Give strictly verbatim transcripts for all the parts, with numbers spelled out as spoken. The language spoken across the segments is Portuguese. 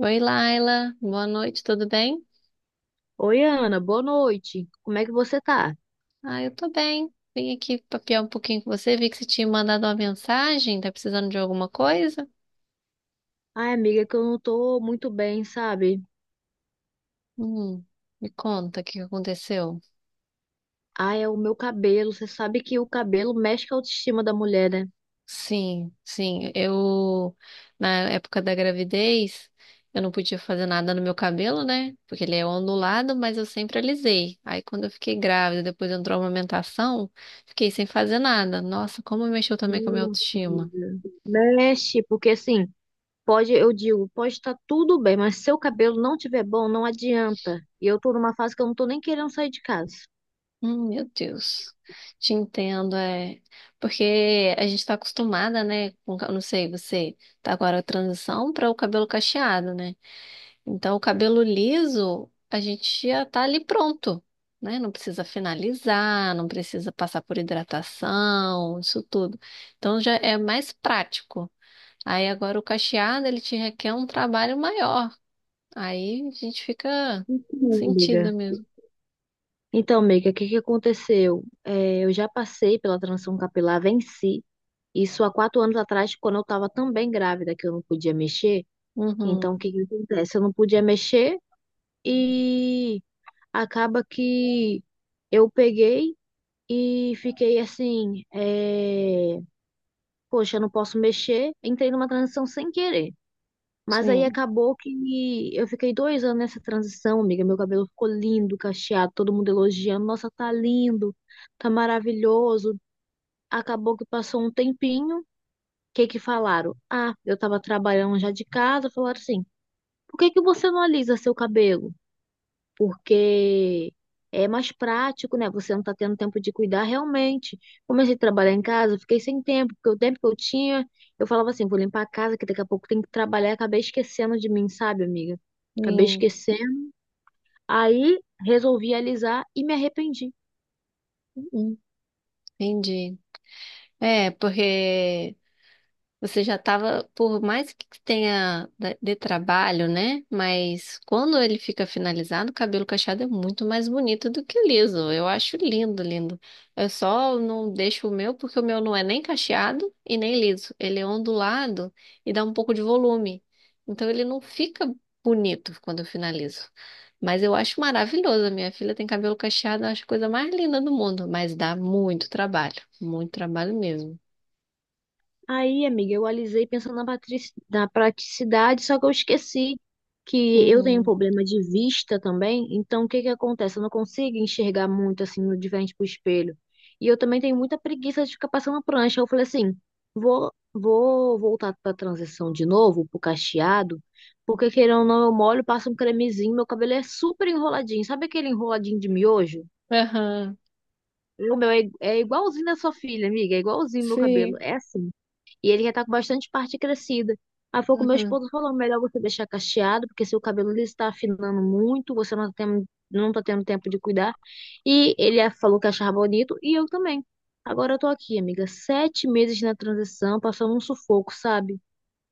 Oi, Laila. Boa noite, tudo bem? Oi, Ana, boa noite. Como é que você tá? Ah, eu tô bem. Vim aqui papiar um pouquinho com você. Vi que você tinha mandado uma mensagem. Tá precisando de alguma coisa? Ai, amiga, é que eu não tô muito bem, sabe? Hum, me conta o que que aconteceu. Ai, é o meu cabelo. Você sabe que o cabelo mexe com a autoestima da mulher, né? Sim, sim. Eu, na época da gravidez, eu não podia fazer nada no meu cabelo, né? Porque ele é ondulado, mas eu sempre alisei. Aí, quando eu fiquei grávida, depois entrou a amamentação, fiquei sem fazer nada. Nossa, como mexeu também com a minha Nossa, autoestima. amiga. Mexe, porque assim, pode, eu digo, pode estar tudo bem, mas se o cabelo não tiver bom, não adianta. E eu tô numa fase que eu não tô nem querendo sair de casa. Hum, meu Deus, te entendo, é. Porque a gente tá acostumada, né? Com, ca- não sei, você tá agora a transição para o cabelo cacheado, né? Então, o cabelo liso, a gente já tá ali pronto, né? Não precisa finalizar, não precisa passar por hidratação, isso tudo. Então, já é mais prático. Aí, agora, o cacheado, ele te requer um trabalho maior. Aí, a gente fica Então, sentida amiga, mesmo. Então, amiga, o que que aconteceu? É, eu já passei pela transição capilar, venci. Isso há quatro anos atrás, quando eu estava também grávida, que eu não podia mexer. Então, o Uhum, que que acontece? Eu não podia mexer e acaba que eu peguei e fiquei assim, é, poxa, eu não posso mexer. Entrei numa transição sem querer. Mas aí sim, acabou que eu fiquei dois anos nessa transição, amiga. Meu cabelo ficou lindo, cacheado, todo mundo elogiando. Nossa, tá lindo, tá maravilhoso. Acabou que passou um tempinho. O que que falaram? Ah, eu tava trabalhando já de casa. Falaram assim, por que que você não alisa seu cabelo? Porque é mais prático, né? Você não está tendo tempo de cuidar realmente. Comecei a trabalhar em casa, eu fiquei sem tempo, porque o tempo que eu tinha, eu falava assim, vou limpar a casa, que daqui a pouco tem que trabalhar, acabei esquecendo de mim, sabe, amiga? Acabei sim. esquecendo. Aí resolvi alisar e me arrependi. Uhum. Entendi. É, porque. Você já estava, por mais que tenha da- de trabalho, né? Mas quando ele fica finalizado, o cabelo cacheado é muito mais bonito do que o liso. Eu acho lindo, lindo. Eu só não deixo o meu porque o meu não é nem cacheado e nem liso. Ele é ondulado e dá um pouco de volume. Então ele não fica bonito quando eu finalizo. Mas eu acho maravilhoso. A minha filha tem cabelo cacheado, eu acho a coisa mais linda do mundo. Mas dá muito trabalho, muito trabalho mesmo. Aí, amiga, eu alisei pensando na, patrici- na praticidade, só que eu esqueci que eu tenho Uhum. problema de vista também. Então, o que que acontece? Eu não consigo enxergar muito assim no de frente pro espelho. E eu também tenho muita preguiça de ficar passando prancha. Eu falei assim, vou, vou voltar para a transição de novo, pro cacheado, porque querendo ou não, eu molho, passo um cremezinho, meu cabelo é super enroladinho. Sabe aquele enroladinho de miojo? Aham. O meu é, é igualzinho da sua filha, amiga, é igualzinho meu cabelo. Sim. É assim. E ele já tá com bastante parte crescida. Aí foi o que meu Uhum. esposo falou, melhor você deixar cacheado, porque seu cabelo liso tá afinando muito, você não tá tendo, não tá tendo tempo de cuidar. E ele a- falou que achava bonito, e eu também. Agora eu tô aqui, amiga, sete meses na transição, passando um sufoco, sabe?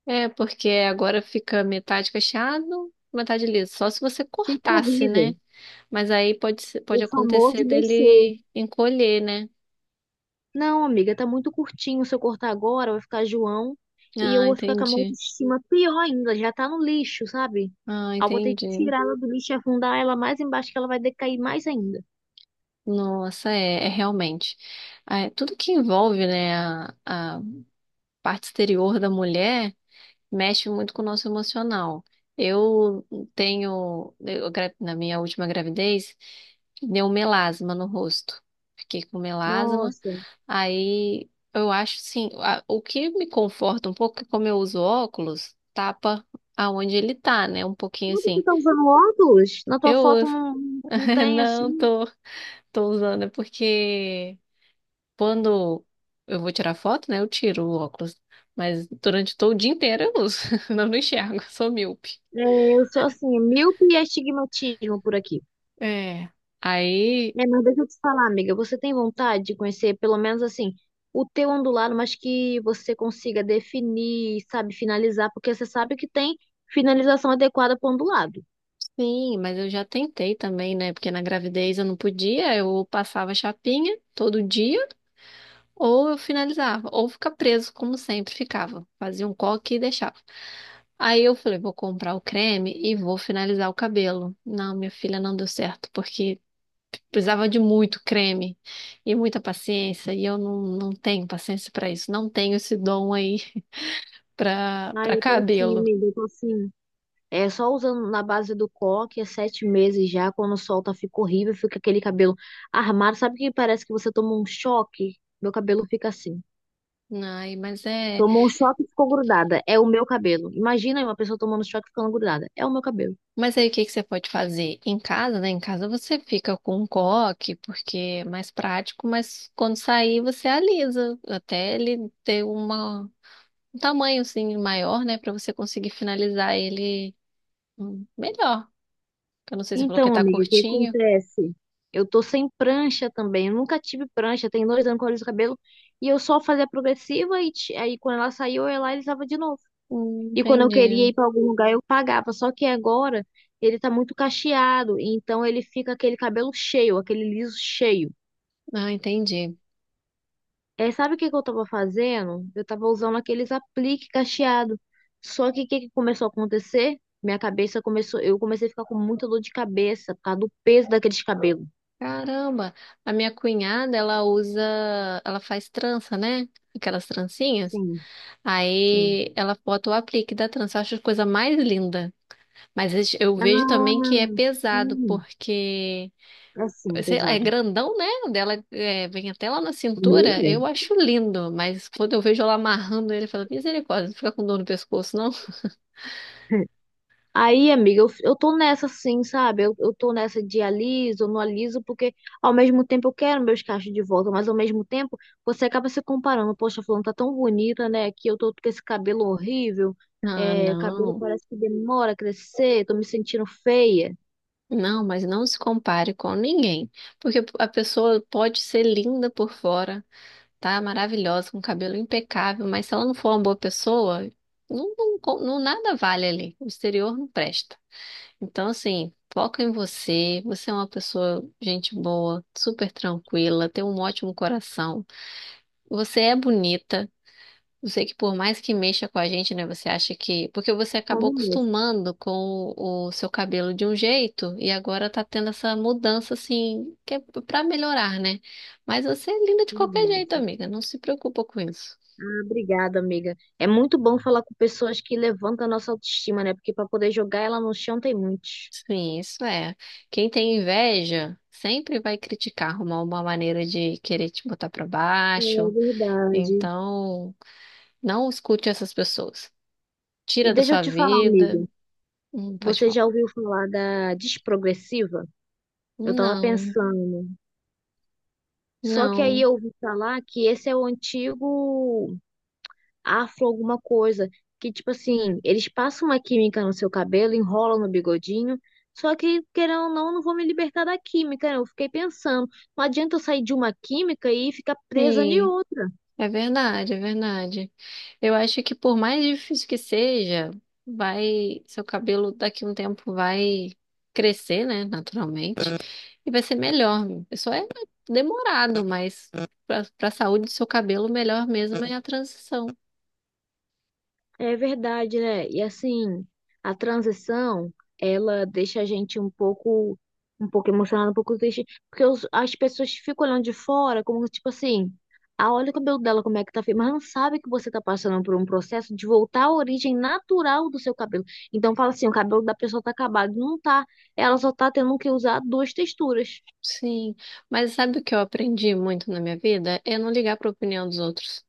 É, porque agora fica metade cacheado, metade liso. Só se você Fica cortasse, né? horrível. Mas aí pode, ser- O pode famoso acontecer B C. dele encolher, né? Não, amiga, tá muito curtinho. Se eu cortar agora, vai ficar João. E eu Ah, vou ficar com a minha entendi. autoestima pior ainda. Já tá no lixo, sabe? Ah, Aí eu vou ter que entendi. tirar ela do lixo e afundar ela mais embaixo, que ela vai decair mais ainda. Nossa, é, é realmente. É, tudo que envolve, né, a, a parte exterior da mulher mexe muito com o nosso emocional. Eu tenho, eu gra- na minha última gravidez, deu melasma no rosto. Fiquei com melasma. Nossa. Aí eu acho sim, a- o que me conforta um pouco é que como eu uso óculos, tapa aonde ele tá, né? Um pouquinho Como que tu assim. tá usando óculos? Na tua Eu foto uso. não, não tem, Não assim. tô, tô usando, é porque quando eu vou tirar foto, né? Eu tiro o óculos. Mas durante todo o dia inteiro eu uso. Não, não enxergo, sou míope. É, eu sou assim, míope e astigmatismo por aqui. É. Aí, É, mas deixa eu te falar, amiga, você tem vontade de conhecer, pelo menos assim, o teu ondulado, mas que você consiga definir, sabe, finalizar, porque você sabe que tem finalização adequada para ondulado. sim, mas eu já tentei também, né? Porque na gravidez eu não podia, eu passava chapinha todo dia. Ou eu finalizava, ou ficar preso, como sempre ficava. Fazia um coque e deixava. Aí eu falei, vou comprar o creme e vou finalizar o cabelo. Não, minha filha, não deu certo, porque precisava de muito creme e muita paciência, e eu não, não tenho paciência para isso. Não tenho esse dom aí para Ah, para eu tô assim, cabelo. amiga, eu tô assim. É só usando na base do coque, é sete meses já, quando solta, fica horrível, fica aquele cabelo armado, sabe que parece que você tomou um choque? Meu cabelo fica assim. Ai, mas é. Tomou um choque e ficou grudada. É o meu cabelo. Imagina uma pessoa tomando choque e ficando grudada. É o meu cabelo. Mas aí o que que você pode fazer? Em casa, né? Em casa você fica com um coque, porque é mais prático, mas quando sair você alisa, até ele ter uma um tamanho assim maior, né, pra você conseguir finalizar ele hum, melhor. Eu não sei se você falou que Então, tá amiga, o que curtinho. acontece? Eu tô sem prancha também. Eu nunca tive prancha. Tem dois anos que eu aliso o cabelo. E eu só fazia progressiva e ti- aí quando ela saiu, eu ia lá e alisava de novo. Hum, E quando eu queria entendi. ir pra algum lugar, eu pagava. Só que agora ele tá muito cacheado. Então ele fica aquele cabelo cheio, aquele liso cheio. Ah, entendi. É, sabe o que que eu tava fazendo? Eu tava usando aqueles aplique cacheado. Só que o que que começou a acontecer? Minha cabeça começou, eu comecei a ficar com muita dor de cabeça por causa do peso daqueles cabelos. Caramba, a minha cunhada, ela usa, ela faz trança, né? Aquelas trancinhas. Sim. Sim. Aí ela bota o aplique da trança. Eu acho a coisa mais linda. Mas eu vejo também que é Ah, pesado, sim. porque Assim, sei lá, é pesado. grandão, né? O dela é, vem até lá na O meu cintura. Eu mesmo. acho lindo, mas quando eu vejo ela amarrando ele, eu falo, misericórdia, não fica com dor no pescoço, não? Aí, amiga, eu, eu tô nessa sim, sabe? Eu, eu tô nessa de aliso, não aliso, porque ao mesmo tempo eu quero meus cachos de volta, mas ao mesmo tempo você acaba se comparando. Poxa, fulano tá tão bonita, né? Que eu tô com esse cabelo horrível, Ah, é, o cabelo não. parece que demora a crescer, tô me sentindo feia. Não, mas não se compare com ninguém, porque a pessoa pode ser linda por fora, tá? Maravilhosa, com cabelo impecável, mas se ela não for uma boa pessoa, não, não, co- não- nada vale ali. O exterior não presta. Então, assim, foca em você. Você é uma pessoa, gente boa, super tranquila, tem um ótimo coração. Você é bonita. Eu sei que por mais que mexa com a gente, né? Você acha que. Porque você acabou Como mesmo, acostumando com o seu cabelo de um jeito e agora tá tendo essa mudança, assim, que é pra melhorar, né? Mas você é linda de é qualquer jeito, verdade. amiga. Não se preocupa com isso. Ah, obrigada, amiga. É muito bom falar com pessoas que levantam a nossa autoestima, né? Porque para poder jogar ela no chão tem muitos. Sim, isso é. Quem tem inveja sempre vai criticar, arrumar uma maneira de querer te botar pra É baixo. verdade. Então, não escute essas pessoas. E Tira da deixa eu sua te falar, amiga. vida. Hum, pode Você falar. já ouviu falar da desprogressiva? Eu tava Não. pensando. Só que aí Não, eu ouvi falar que esse é o antigo afro alguma coisa, que tipo assim, eles passam uma química no seu cabelo, enrolam no bigodinho, só que querendo ou não, eu não vou me libertar da química, né? Eu fiquei pensando, não adianta eu sair de uma química e ficar presa de e outra. é verdade, é verdade. Eu acho que por mais difícil que seja, vai, seu cabelo daqui a um tempo vai crescer, né, naturalmente, e vai ser melhor. Isso é demorado, mas para para a saúde do seu cabelo, melhor mesmo é a transição. É verdade, né? E assim, a transição, ela deixa a gente um pouco, um pouco emocionado, um pouco triste, porque os- as pessoas ficam olhando de fora, como tipo assim, ah, olha o cabelo dela como é que tá feio, mas não sabe que você tá passando por um processo de voltar à origem natural do seu cabelo. Então fala assim, o cabelo da pessoa tá acabado, não tá. Ela só tá tendo que usar duas texturas. Sim, mas sabe o que eu aprendi muito na minha vida? É não ligar para a opinião dos outros.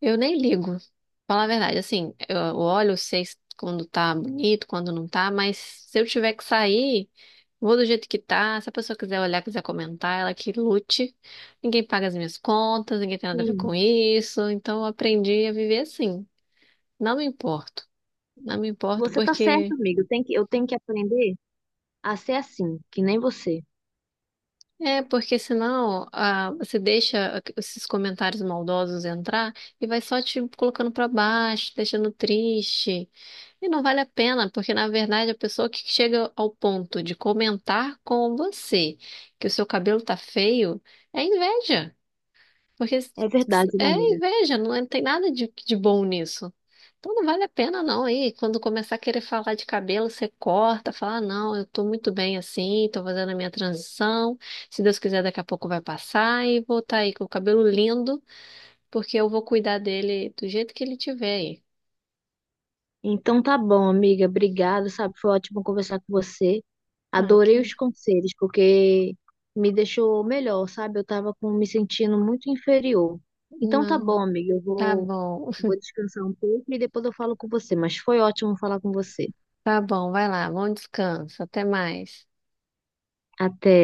Eu nem ligo. Falar a verdade, assim, eu eu olho, sei se- quando tá bonito, quando não tá, mas se eu tiver que sair, vou do jeito que tá. Se a pessoa quiser olhar, quiser comentar, ela que lute. Ninguém paga as minhas contas, ninguém tem nada a ver com Sim, isso. Então eu aprendi a viver assim. Não me importo. Não me importo você tá certa, porque amiga. Eu tenho que, eu tenho que aprender a ser assim, que nem você. é, porque senão ah, você deixa esses comentários maldosos entrar e vai só te colocando pra baixo, deixando triste. E não vale a pena, porque na verdade a pessoa que chega ao ponto de comentar com você que o seu cabelo tá feio é inveja. Porque É verdade, né, é amiga? inveja, não é- tem nada de, de bom nisso. Então não vale a pena não. Aí, quando começar a querer falar de cabelo, você corta, fala, "Ah, não, eu tô muito bem assim, tô fazendo a minha transição. Se Deus quiser, daqui a pouco vai passar e vou estar aí com o cabelo lindo, porque eu vou cuidar dele do jeito que ele tiver aí." Então tá bom, amiga. Obrigada, sabe? Foi ótimo conversar com você. Ah, Adorei que... os conselhos, porque me deixou melhor, sabe? Eu tava com, me sentindo muito inferior. Então tá Não, bom, amiga. Eu tá vou, bom, vou descansar um pouco e depois eu falo com você. Mas foi ótimo falar com você. tá bom, vai lá, bom descanso, até mais. Até.